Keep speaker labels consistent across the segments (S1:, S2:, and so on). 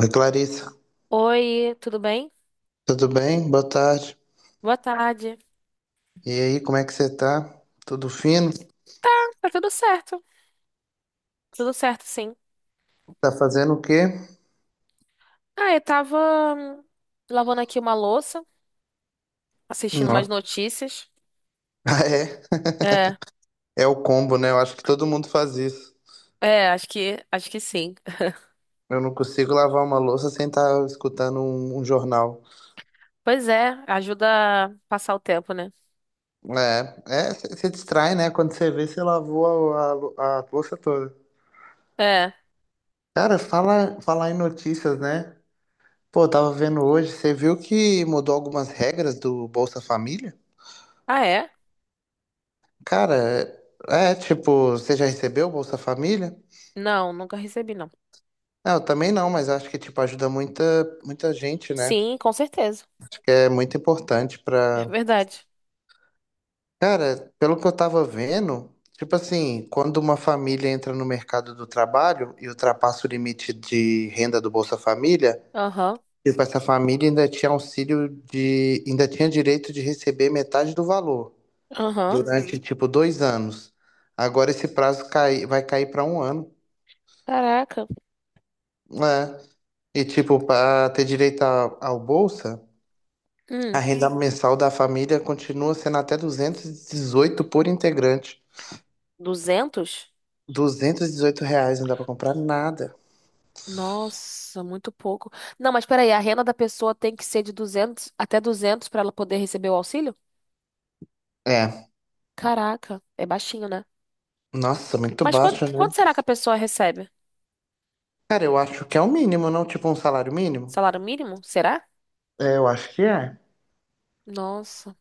S1: Oi, Clarissa,
S2: Oi, tudo bem?
S1: tudo bem? Boa tarde.
S2: Boa tarde.
S1: E aí, como é que você tá? Tudo fino?
S2: Tá tudo certo. Tudo certo, sim.
S1: Tá fazendo o quê?
S2: Ah, eu tava hum, lavando aqui uma louça, assistindo umas
S1: Nossa.
S2: notícias.
S1: Ah, é?
S2: É,
S1: É o combo, né? Eu acho que todo mundo faz isso.
S2: é, acho que sim.
S1: Eu não consigo lavar uma louça sem estar escutando um jornal.
S2: Pois é, ajuda a passar o tempo, né?
S1: É, é, você distrai, né? Quando você vê, você lavou a louça toda.
S2: É.
S1: Cara, falar em notícias, né? Pô, eu tava vendo hoje, você viu que mudou algumas regras do Bolsa Família?
S2: Ah, é?
S1: Cara, é, tipo, você já recebeu o Bolsa Família?
S2: Não, nunca recebi, não.
S1: Não, eu também não, mas acho que tipo ajuda muita muita gente, né?
S2: Sim, com certeza.
S1: Acho que é muito importante
S2: É
S1: pra.
S2: verdade.
S1: Cara, pelo que eu tava vendo, tipo assim, quando uma família entra no mercado do trabalho e ultrapassa o limite de renda do Bolsa Família,
S2: Aham,
S1: tipo essa família ainda tinha auxílio ainda tinha direito de receber metade do valor
S2: aham.
S1: durante, uhum, tipo 2 anos. Agora esse prazo cai, vai cair pra um ano,
S2: Caraca.
S1: né? E tipo para ter direito ao Bolsa. A
S2: Hum,
S1: renda mensal da família continua sendo até 218 por integrante.
S2: 200.
S1: R$ 218 não dá pra comprar nada.
S2: Nossa, muito pouco. Não, mas peraí, a renda da pessoa tem que ser de 200 até 200 para ela poder receber o auxílio?
S1: É,
S2: Caraca, é baixinho, né?
S1: nossa, muito
S2: Mas
S1: baixo, né?
S2: quanto será que a pessoa recebe?
S1: Cara, eu acho que é o mínimo, não? Tipo um salário mínimo?
S2: Salário mínimo? Será?
S1: É, eu acho que é.
S2: Nossa,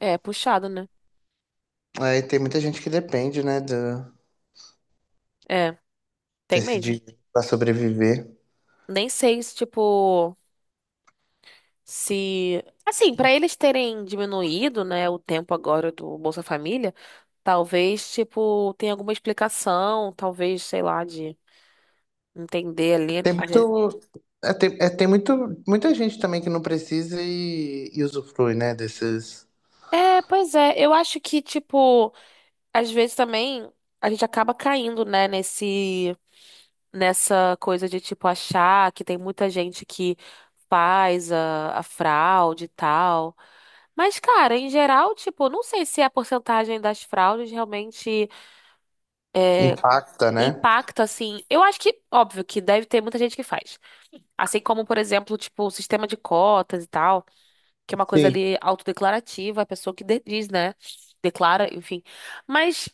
S2: é puxado, né?
S1: Aí tem muita gente que depende, né,
S2: É, tem
S1: desse
S2: mesmo.
S1: dinheiro pra sobreviver.
S2: Nem sei se, tipo, se. Assim, para eles terem diminuído, né, o tempo agora do Bolsa Família, talvez, tipo, tenha alguma explicação, talvez, sei lá, de entender ali.
S1: Tem muito, é, tem muito, muita gente também que não precisa e usufrui, né, desses...
S2: É, pois é. Eu acho que, tipo, às vezes também a gente acaba caindo, né, nessa coisa de, tipo, achar que tem muita gente que faz a fraude e tal. Mas, cara, em geral, tipo, não sei se é a porcentagem das fraudes realmente
S1: Impacta, né?
S2: impacta, assim. Eu acho que, óbvio, que deve ter muita gente que faz. Assim como, por exemplo, tipo, o sistema de cotas e tal, que é uma coisa
S1: Sim.
S2: ali autodeclarativa, a pessoa que diz, né? Declara, enfim. Mas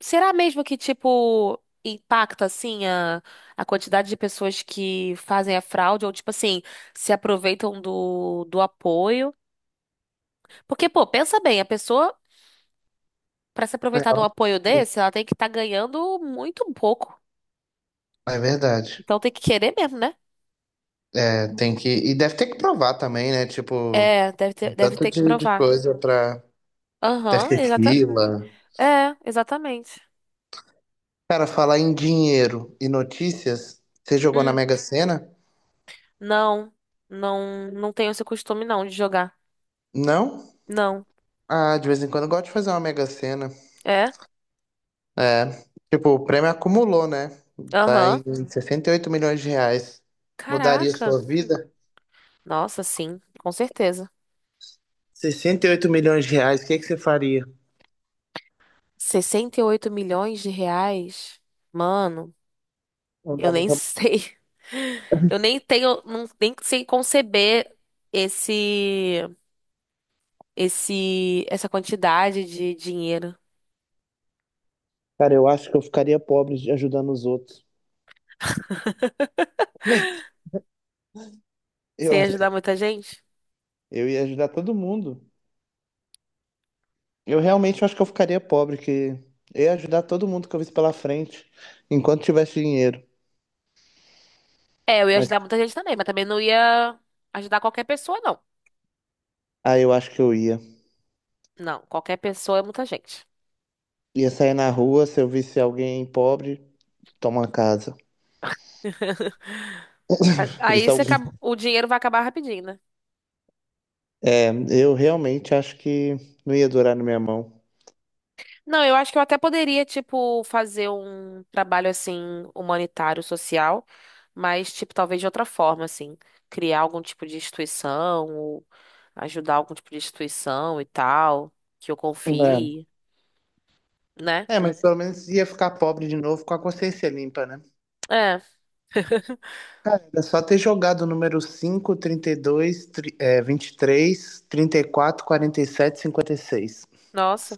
S2: será mesmo que, tipo, impacta, assim, a quantidade de pessoas que fazem a fraude ou, tipo assim, se aproveitam do apoio? Porque, pô, pensa bem, a pessoa, pra se aproveitar de
S1: É
S2: um apoio desse, ela tem que estar ganhando muito pouco.
S1: é verdade.
S2: Então tem que querer mesmo, né?
S1: É, tem que. E deve ter que provar também, né? Tipo,
S2: É, deve
S1: um
S2: ter, deve
S1: tanto
S2: ter que
S1: de
S2: provar.
S1: coisa pra. Deve
S2: Aham,
S1: ter
S2: exata...
S1: fila.
S2: É, exatamente.
S1: Cara, falar em dinheiro e notícias, você jogou na
S2: Hum.
S1: Mega Sena?
S2: Não, não, não tenho esse costume não de jogar.
S1: Não?
S2: Não.
S1: Ah, de vez em quando eu gosto de fazer uma Mega Sena.
S2: É?
S1: É. Tipo, o prêmio acumulou, né? Tá
S2: Aham.
S1: em 68 milhões de reais. Mudaria
S2: Caraca.
S1: sua vida?
S2: Nossa, sim, com certeza.
S1: 68 milhões de reais, o que que você faria?
S2: 68 milhões de reais? Mano,
S1: Não
S2: eu
S1: dá nem
S2: nem
S1: pra...
S2: sei. Eu nem tenho, não, nem sei conceber esse, essa quantidade de dinheiro.
S1: Cara, eu acho que eu ficaria pobre ajudando os outros.
S2: Você
S1: Eu
S2: ia
S1: acho que
S2: ajudar muita gente?
S1: eu ia ajudar todo mundo. Eu realmente acho que eu ficaria pobre, que eu ia ajudar todo mundo que eu visse pela frente, enquanto tivesse dinheiro.
S2: É, eu ia
S1: Mas
S2: ajudar muita gente também, mas também não ia ajudar qualquer pessoa, não.
S1: aí eu acho que eu ia.
S2: Não, qualquer pessoa é muita gente.
S1: Ia sair na rua, se eu visse alguém pobre, toma casa.
S2: Aí
S1: Visse
S2: você
S1: alguém.
S2: o dinheiro vai acabar rapidinho, né?
S1: Eu realmente acho que não ia durar na minha mão.
S2: Não, eu acho que eu até poderia, tipo, fazer um trabalho assim, humanitário, social, mas, tipo, talvez de outra forma, assim, criar algum tipo de instituição, ou ajudar algum tipo de instituição e tal, que eu
S1: É.
S2: confie, né?
S1: É, mas pelo menos ia ficar pobre de novo com a consciência limpa, né?
S2: É,
S1: É só ter jogado o número cinco, trinta e 32, vinte e três, 34, 47, 56.
S2: nossa,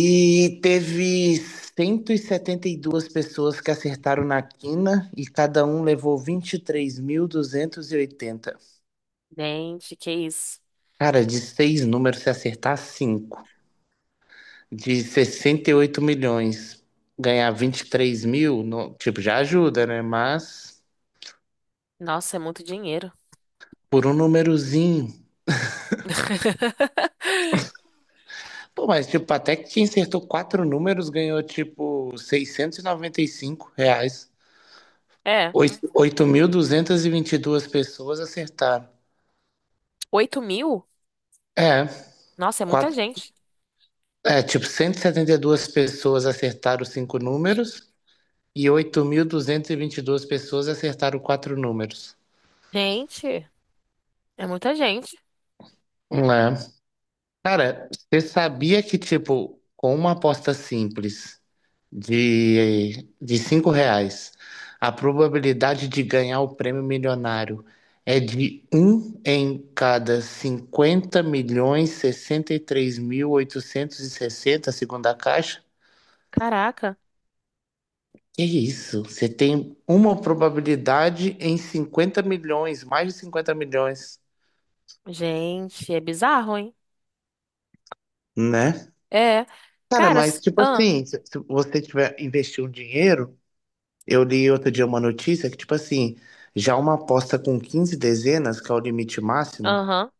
S1: E teve cento e setenta e duas pessoas que acertaram na quina e cada um levou vinte e três mil duzentos e oitenta.
S2: gente, que isso?
S1: Cara, de seis números, se acertar cinco, de 68 milhões, ganhar 23 mil, tipo, já ajuda, né? Mas
S2: Nossa, é muito dinheiro.
S1: por um númerozinho. Pô, mas tipo, até que quem acertou quatro números ganhou, tipo, seiscentos e noventa e cinco reais.
S2: É,
S1: Oito- mil duzentos e vinte e duas pessoas acertaram.
S2: 8 mil?
S1: É,
S2: Nossa, é muita gente.
S1: é, tipo, cento e setenta e duas pessoas acertaram cinco números e 8.222 pessoas acertaram quatro números.
S2: Gente, é muita gente.
S1: É. Cara, você sabia que, tipo, com uma aposta simples de R$ 5, a probabilidade de ganhar o prêmio milionário é de um em cada 50 milhões 63.860, segundo a Caixa?
S2: Caraca.
S1: Que isso? Você tem uma probabilidade em 50 milhões, mais de 50 milhões,
S2: Gente, é bizarro, hein?
S1: né?
S2: É.
S1: Cara,
S2: Cara,
S1: mas tipo
S2: ah,
S1: assim, se você tiver investir um dinheiro, eu li outro dia uma notícia que tipo assim, já uma aposta com 15 dezenas, que é o limite máximo,
S2: aham,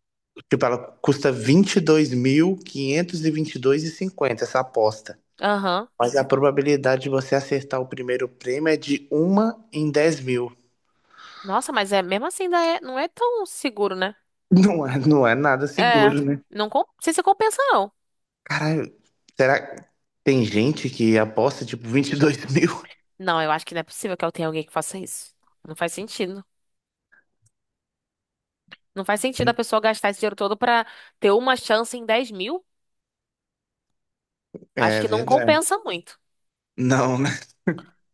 S1: tipo ela custa 22.522,50 essa aposta.
S2: aham.
S1: Mas a probabilidade de você acertar o primeiro prêmio é de uma em 10 mil.
S2: Nossa, mas é mesmo assim, ainda é, não é tão seguro, né?
S1: Não é, não é nada
S2: É.
S1: seguro, né?
S2: Não, não sei se compensa, não.
S1: Caralho, será que tem gente que aposta tipo 22 mil?
S2: Não, eu acho que não é possível que eu tenha alguém que faça isso. Não faz sentido. Não faz sentido a pessoa gastar esse dinheiro todo pra ter uma chance em 10 mil. Acho
S1: É
S2: que não
S1: verdade.
S2: compensa muito.
S1: Não, né?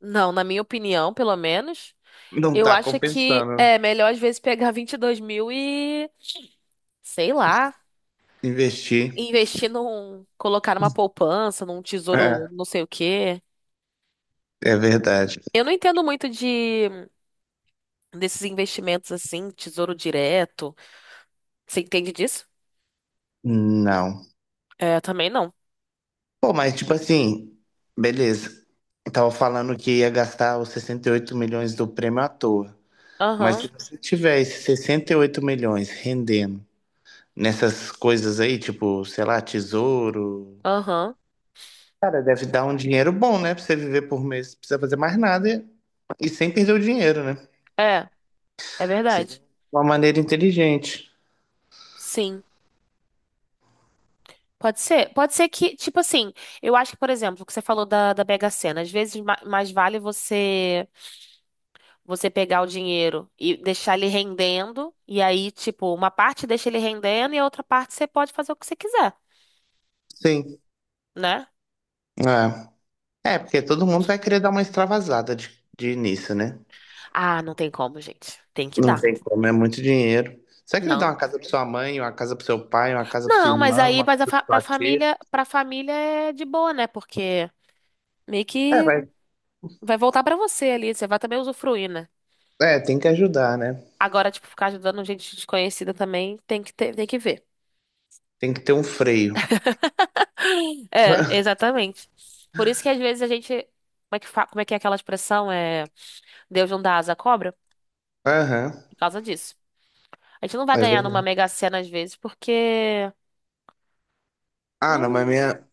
S2: Não, na minha opinião, pelo menos.
S1: Não
S2: Eu
S1: tá
S2: acho que
S1: compensando, né?
S2: é melhor às vezes pegar 22 mil e. Sei lá.
S1: Investir.
S2: Investir num, colocar numa poupança, num tesouro,
S1: É,
S2: não sei o quê.
S1: é verdade.
S2: Eu não entendo muito de desses investimentos assim, tesouro direto. Você entende disso?
S1: Não.
S2: É, também não.
S1: Pô, mas tipo assim, beleza. Eu tava falando que ia gastar os 68 milhões do prêmio à toa. Mas se
S2: Aham,
S1: você tiver esses 68 milhões rendendo nessas coisas aí, tipo, sei lá, tesouro.
S2: aham.
S1: Cara, deve dar um dinheiro bom, né? Pra você viver por mês. Não precisa fazer mais nada. E sem perder o dinheiro, né?
S2: É, é
S1: Sim. De
S2: verdade.
S1: uma maneira inteligente.
S2: Sim. Pode ser que, tipo assim, eu acho que, por exemplo, o que você falou da Mega Sena, às vezes mais vale você pegar o dinheiro e deixar ele rendendo, e aí, tipo, uma parte deixa ele rendendo e a outra parte você pode fazer o que você quiser,
S1: Sim.
S2: né?
S1: É. É, porque todo mundo vai querer dar uma extravasada de início, né?
S2: Ah, não tem como, gente. Tem que
S1: Não
S2: dar.
S1: tem como, é muito dinheiro. Você vai querer dar
S2: Não.
S1: uma casa pra sua mãe, uma casa pro seu pai, uma casa pro seu
S2: Não, mas
S1: irmão,
S2: aí
S1: uma
S2: mas
S1: cacheta.
S2: pra família é de boa, né? Porque meio
S1: É,
S2: que
S1: vai.
S2: vai voltar pra você ali, você vai também usufruir, né?
S1: É, tem que ajudar, né?
S2: Agora, tipo, ficar ajudando gente desconhecida também tem que ter, tem que ver.
S1: Tem que ter um freio.
S2: É, exatamente. Por isso que às vezes a gente, como é que é aquela expressão? É Deus não dá asa à cobra?
S1: Aham,
S2: Por causa disso. A gente não vai
S1: é
S2: ganhar numa
S1: verdade.
S2: Mega Sena às vezes porque
S1: Ah, não, mas
S2: não.
S1: minha,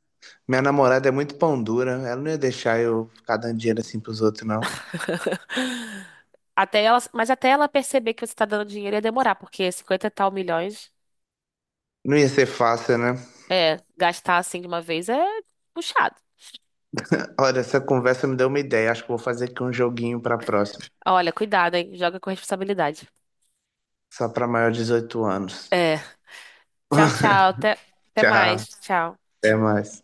S1: minha namorada é muito pão dura. Ela não ia deixar eu ficar dando dinheiro assim pros outros, não.
S2: Até ela, mas até ela perceber que você tá dando dinheiro ia demorar, porque 50 e tal milhões,
S1: Não ia ser fácil, né?
S2: é, gastar assim de uma vez é puxado.
S1: Olha, essa conversa me deu uma ideia. Acho que vou fazer aqui um joguinho pra próxima.
S2: Olha, cuidado, hein? Joga com responsabilidade.
S1: Só pra maior de 18 anos.
S2: É. Tchau, tchau. Até
S1: Tchau.
S2: mais. Tchau.
S1: Até mais.